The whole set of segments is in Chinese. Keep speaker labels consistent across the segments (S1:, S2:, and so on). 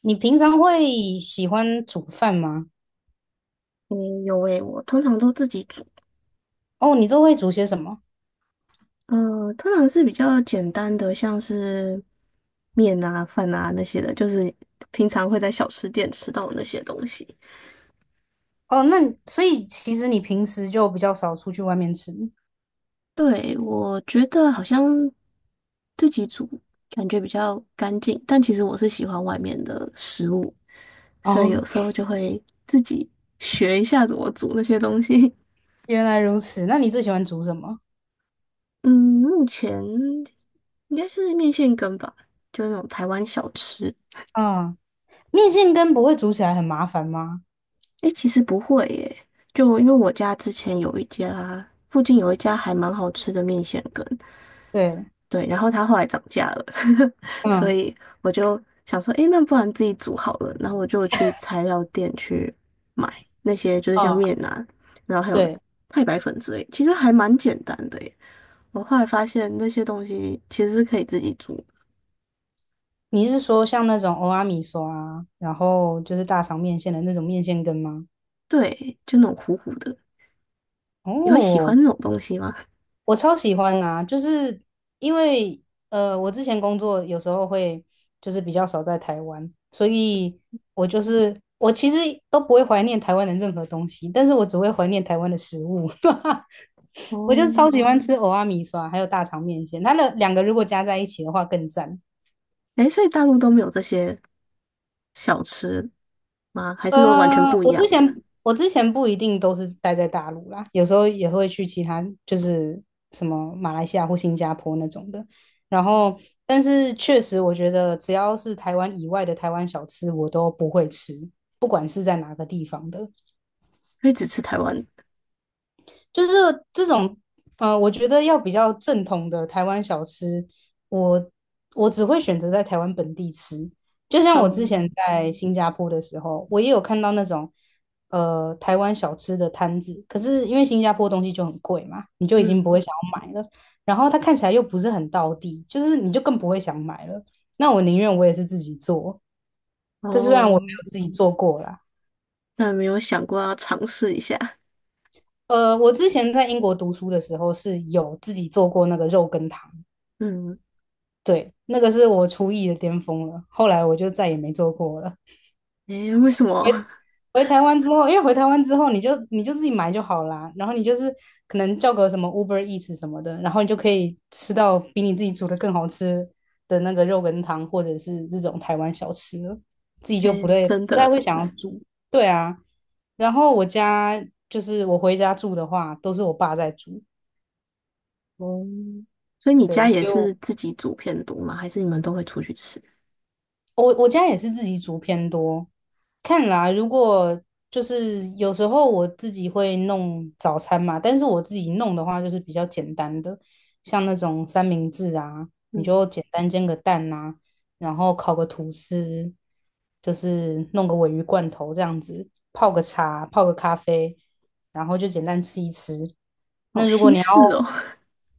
S1: 你平常会喜欢煮饭吗？
S2: 嗯，有诶，我通常都自己煮，
S1: 哦，你都会煮些什么？
S2: 通常是比较简单的，像是面啊、饭啊那些的，就是平常会在小吃店吃到的那些东西。
S1: 哦，那你所以其实你平时就比较少出去外面吃。
S2: 对，我觉得好像自己煮感觉比较干净，但其实我是喜欢外面的食物，所以有
S1: 哦，
S2: 时候就会自己学一下怎么煮那些东西。
S1: 原来如此，那你最喜欢煮什么？
S2: 嗯，目前应该是面线羹吧，就是那种台湾小吃。
S1: 嗯，面线羹不会煮起来很麻烦吗？
S2: 诶，其实不会耶，就因为我家之前有一家，附近有一家还蛮好吃的面线羹，
S1: 对，
S2: 对，然后它后来涨价了，所
S1: 嗯
S2: 以我就想说，诶，那不然自己煮好了，然后我就去材料店去买那些就是像
S1: 嗯，
S2: 面啊，然后还有
S1: 对，
S2: 太白粉之类，其实还蛮简单的耶。我后来发现那些东西其实是可以自己煮，
S1: 你是说像那种欧阿米索啊，然后就是大肠面线的那种面线羹吗？
S2: 对，就那种糊糊的，你会喜欢
S1: 哦，
S2: 那种东西吗？
S1: 我超喜欢啊，就是因为我之前工作有时候会就是比较少在台湾，所以我就是我其实都不会怀念台湾的任何东西，但是我只会怀念台湾的食物。我就
S2: 哦，
S1: 是超喜欢吃蚵仔米刷，还有大肠面线，它的两个如果加在一起的话更赞。
S2: 诶，所以大陆都没有这些小吃。吗？还是说完全
S1: 呃，
S2: 不一
S1: 我
S2: 样
S1: 之
S2: 的？
S1: 前我之前不一定都是待在大陆啦，有时候也会去其他，就是什么马来西亚或新加坡那种的。然后，但是确实，我觉得只要是台湾以外的台湾小吃，我都不会吃，不管是在哪个地方的。
S2: 所以只吃台湾的。
S1: 就是这种，我觉得要比较正统的台湾小吃，我我只会选择在台湾本地吃。就像我之前
S2: 嗯
S1: 在新加坡的时候，我也有看到那种台湾小吃的摊子，可是因为新加坡东西就很贵嘛，你就已经不
S2: 嗯，
S1: 会想要买了。然后它看起来又不是很道地，就是你就更不会想买了。那我宁愿我也是自己做，这虽然我没
S2: 哦，
S1: 有自己做过啦。
S2: 那没有想过要尝试一下。
S1: 我之前在英国读书的时候是有自己做过那个肉羹汤。
S2: 嗯，
S1: 对，那个是我厨艺的巅峰了，后来我就再也没做过了。
S2: 诶，为什
S1: 回
S2: 么？
S1: 回台湾之后，因为回台湾之后，你就自己买就好啦，然后你就是可能叫个什么 Uber Eats 什么的，然后你就可以吃到比你自己煮的更好吃的那个肉羹汤，或者是这种台湾小吃了，自己 就不
S2: 诶，
S1: 太
S2: 真
S1: 不太
S2: 的。
S1: 会想要煮。对啊，然后我家就是我回家住的话，都是我爸在煮，
S2: 哦，所以你
S1: 对，
S2: 家
S1: 所
S2: 也
S1: 以我
S2: 是自己煮偏多吗？还是你们都会出去吃？
S1: 我我家也是自己煮偏多，看啦，如果就是有时候我自己会弄早餐嘛，但是我自己弄的话就是比较简单的，像那种三明治啊，你
S2: 嗯，
S1: 就简单煎个蛋啊，然后烤个吐司，就是弄个鲔鱼罐头这样子，泡个茶，泡个咖啡，然后就简单吃一吃。
S2: 好
S1: 那如果
S2: 西
S1: 你要
S2: 式哦。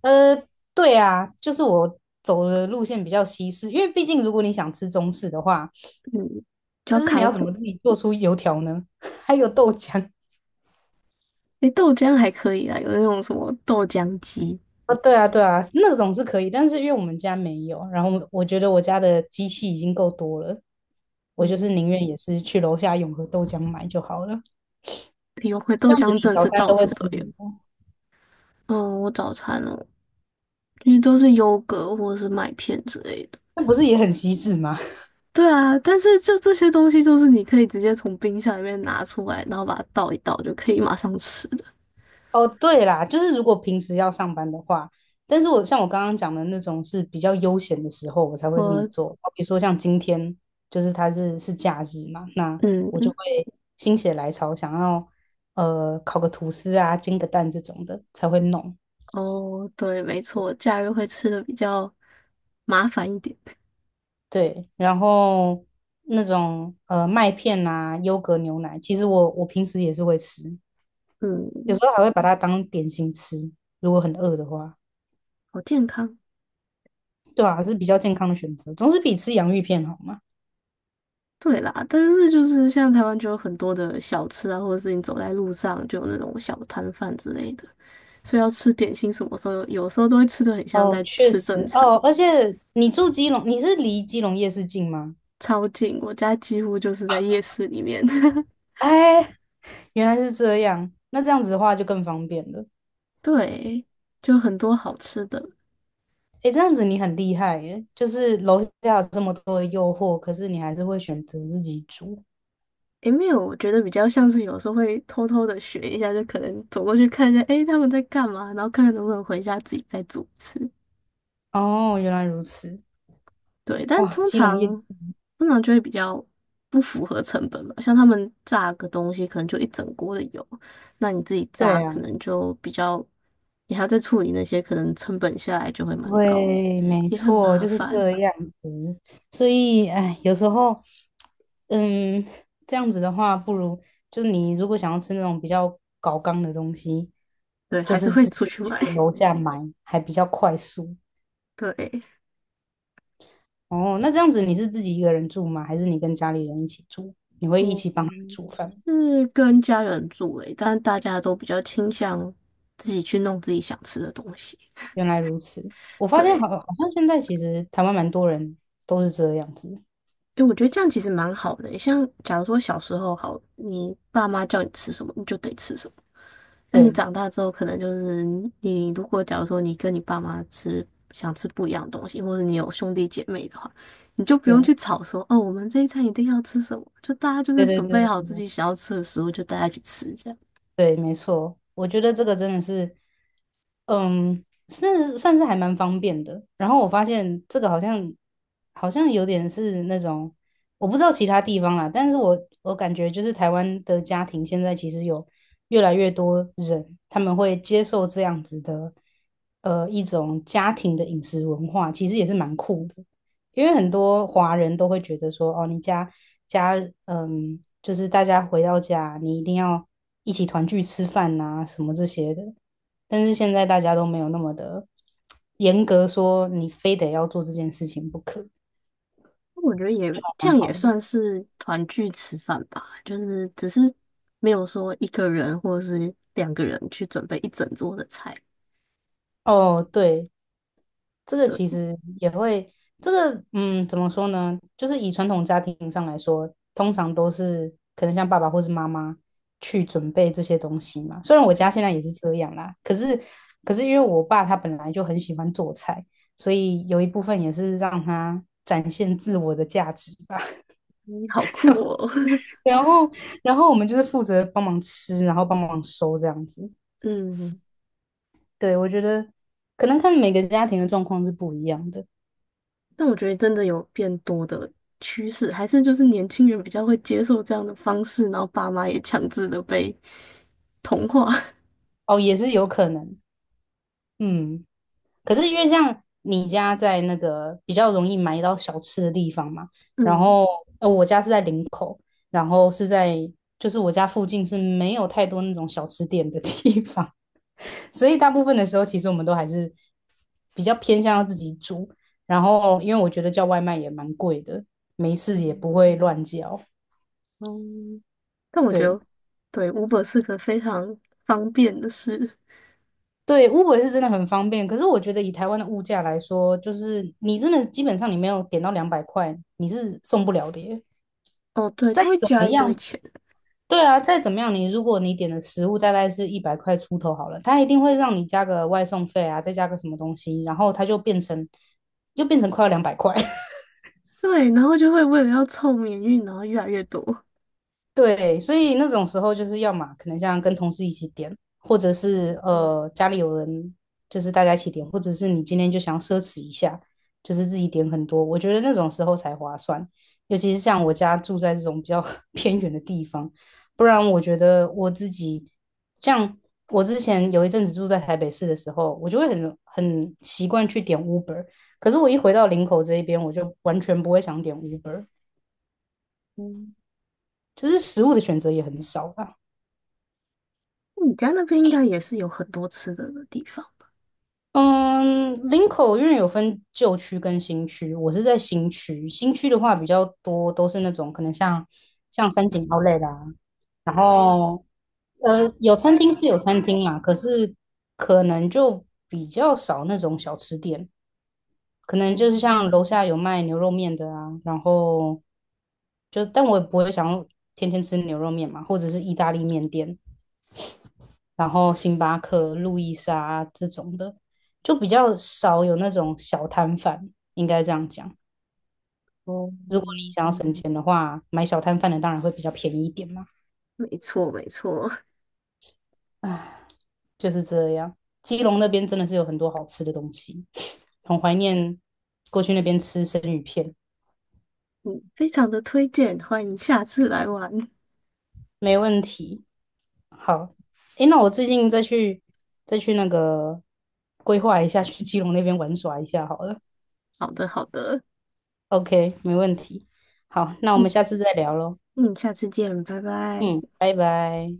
S1: 呃，对啊，就是我走的路线比较西式，因为毕竟如果你想吃中式的话，
S2: 嗯，就要
S1: 就是你
S2: 开
S1: 要怎
S2: 火。
S1: 么自己做出油条呢？还有豆浆
S2: 诶，豆浆还可以啊，有那种什么豆浆机。
S1: 啊，对啊，对啊，那种是可以，但是因为我们家没有，然后我觉得我家的机器已经够多了，我就是
S2: 嗯，
S1: 宁愿也是去楼下永和豆浆买就好了。
S2: 有会
S1: 这
S2: 豆
S1: 样
S2: 浆
S1: 子你
S2: 真的
S1: 早
S2: 是
S1: 餐
S2: 到
S1: 都会
S2: 处
S1: 吃
S2: 都
S1: 什
S2: 有。
S1: 么？
S2: 嗯，我早餐哦，因为都是优格或者是麦片之类的。
S1: 那不是也很西式吗？
S2: 对啊，但是就这些东西，就是你可以直接从冰箱里面拿出来，然后把它倒一倒，就可以马上吃的
S1: 哦，对啦，就是如果平时要上班的话，但是我像我刚刚讲的那种是比较悠闲的时候，我才会这么
S2: 我
S1: 做。比如说像今天，就是它是假日嘛，那
S2: 嗯，
S1: 我就会心血来潮，想要烤个吐司啊、煎个蛋这种的才会弄。
S2: 哦，对，没错，假日会吃的比较麻烦一点。
S1: 对，然后那种麦片啊、优格牛奶，其实我平时也是会吃，有
S2: 嗯，
S1: 时候还会把它当点心吃，如果很饿的话。
S2: 好健康。
S1: 对啊，是比较健康的选择，总是比吃洋芋片好嘛。
S2: 对啦，但是就是像台湾就有很多的小吃啊，或者是你走在路上就有那种小摊贩之类的，所以要吃点心，什么时候有时候都会吃的很像
S1: 哦，
S2: 在
S1: 确
S2: 吃正
S1: 实
S2: 餐，
S1: 哦，而且你住基隆，你是离基隆夜市近吗？
S2: 超近，我家几乎就是在夜市里面。
S1: 哎，原来是这样，那这样子的话就更方便了。
S2: 对，就很多好吃的。
S1: 哎，这样子你很厉害耶，就是楼下有这么多的诱惑，可是你还是会选择自己煮。
S2: 诶，没有，我觉得比较像是有时候会偷偷的学一下，就可能走过去看一下，诶，他们在干嘛，然后看看能不能回家自己再组词。
S1: 哦，原来如此，
S2: 对，但
S1: 哇，
S2: 通
S1: 基隆
S2: 常
S1: 夜市，
S2: 通常就会比较不符合成本嘛，像他们炸个东西可能就一整锅的油，那你自己
S1: 对
S2: 炸
S1: 啊。
S2: 可能就比较，你还要再处理那些，可能成本下来就会蛮高的，
S1: 对，没
S2: 也很
S1: 错，
S2: 麻
S1: 就是
S2: 烦。
S1: 这样子。所以，哎，有时候，嗯，这样子的话，不如就你如果想要吃那种比较高纲的东西，
S2: 对，
S1: 就
S2: 还是
S1: 是
S2: 会
S1: 直
S2: 出
S1: 接
S2: 去买。
S1: 去 楼下买，还比较快速。
S2: 对，
S1: 哦，那这样子你是自己一个人住吗？还是你跟家里人一起住？你会一起帮他们
S2: 嗯，
S1: 煮饭？
S2: 是跟家人住诶，但大家都比较倾向自己去弄自己想吃的东西。
S1: 原来如此，我发现
S2: 对，
S1: 好像现在其实台湾蛮多人都是这样子。
S2: 因为我觉得这样其实蛮好的诶像假如说小时候好，你爸妈叫你吃什么，你就得吃什么。那你
S1: 对，
S2: 长大之后，可能就是你如果假如说你跟你爸妈吃想吃不一样的东西，或者你有兄弟姐妹的话，你就不用
S1: 对，
S2: 去吵说哦，我们这一餐一定要吃什么，就大家就
S1: 对
S2: 是
S1: 对
S2: 准备
S1: 对。
S2: 好自己想要吃的食物，就大家一起吃这样。
S1: 对，没错，我觉得这个真的是嗯，是算是还蛮方便的。然后我发现这个好像有点是那种，我不知道其他地方啦，但是我感觉就是台湾的家庭现在其实有越来越多人，他们会接受这样子的一种家庭的饮食文化，其实也是蛮酷的。因为很多华人都会觉得说，哦，你家，嗯，就是大家回到家，你一定要一起团聚吃饭啊，什么这些的。但是现在大家都没有那么的严格，说你非得要做这件事情不可，
S2: 我觉得也这
S1: 蛮
S2: 样也
S1: 好的。
S2: 算是团聚吃饭吧，就是只是没有说一个人或者是两个人去准备一整桌的菜。
S1: 哦，对，这个
S2: 对，
S1: 其实也会，这个嗯，怎么说呢？就是以传统家庭上来说，通常都是可能像爸爸或是妈妈去准备这些东西嘛。虽然我家
S2: 嗯，
S1: 现在也是这样啦，可是因为我爸他本来就很喜欢做菜，所以有一部分也是让他展现自我的价值吧。
S2: 你好酷哦。
S1: 然后，然后我们就是负责帮忙吃，然后帮忙收这样子。
S2: 嗯，
S1: 对，我觉得可能看每个家庭的状况是不一样的
S2: 但我觉得真的有变多的趋势，还是就是年轻人比较会接受这样的方式，然后爸妈也强制的被同化。
S1: 哦，也是有可能。嗯，可是因为像你家在那个比较容易买到小吃的地方嘛，然
S2: 嗯
S1: 后我家是在林口，然后是在就是我家附近是没有太多那种小吃店的地方，所以大部分的时候，其实我们都还是比较偏向要自己煮。然后，因为我觉得叫外卖也蛮贵的，没事也
S2: 嗯
S1: 不会乱叫。
S2: 嗯，但我觉
S1: 对
S2: 得对 Uber 是个非常方便的事。
S1: 对，Uber 是真的很方便。可是我觉得以台湾的物价来说，就是你真的基本上你没有点到两百块，你是送不了的耶
S2: 哦，对，
S1: 再
S2: 他会
S1: 怎
S2: 加
S1: 么
S2: 一堆
S1: 样，
S2: 钱。
S1: 对啊，再怎么样，你如果你点的食物大概是100块出头好了，它一定会让你加个外送费啊，再加个什么东西，然后它就变成又变成快要两百块。
S2: 对，然后就会为了要凑免运，然后越来越多。
S1: 对，所以那种时候就是要嘛，可能像跟同事一起点，或者
S2: 嗯
S1: 是家里有人，就是大家一起点，或者是你今天就想要奢侈一下，就是自己点很多。我觉得那种时候才划算，尤其是像我家住在这种比较 偏远的地方，不然我觉得我自己像我之前有一阵子住在台北市的时候，我就会很习惯去点 Uber，可是我一回到林口这一边，我就完全不会想点 Uber，
S2: 嗯，
S1: 就是食物的选择也很少啦。
S2: 你家那边应该也是有很多吃的的地方吧？
S1: 嗯，林口因为有分旧区跟新区，我是在新区。新区的话比较多，都是那种可能像三井奥莱啦，然后有餐厅是有餐厅啦，可是可能就比较少那种小吃店，可能
S2: 哦
S1: 就是像楼下有卖牛肉面的啊，然后就但我也不会想要天天吃牛肉面嘛，或者是意大利面店，然后星巴克、路易莎这种的，就比较少有那种小摊贩，应该这样讲。
S2: 哦，
S1: 如果你想要省钱的话，买小摊贩的当然会比较便宜一点嘛。
S2: 没错，没错，
S1: 唉，就是这样。基隆那边真的是有很多好吃的东西，很怀念过去那边吃生鱼片，
S2: 嗯，非常的推荐，欢迎下次来玩。
S1: 没问题。好，诶，那我最近再去那个规划一下，去基隆那边玩耍一下好了。
S2: 好的，好的，
S1: OK，没问题。好，那我
S2: 嗯
S1: 们下次再聊喽。
S2: 嗯，下次见，拜拜。
S1: 嗯，拜拜。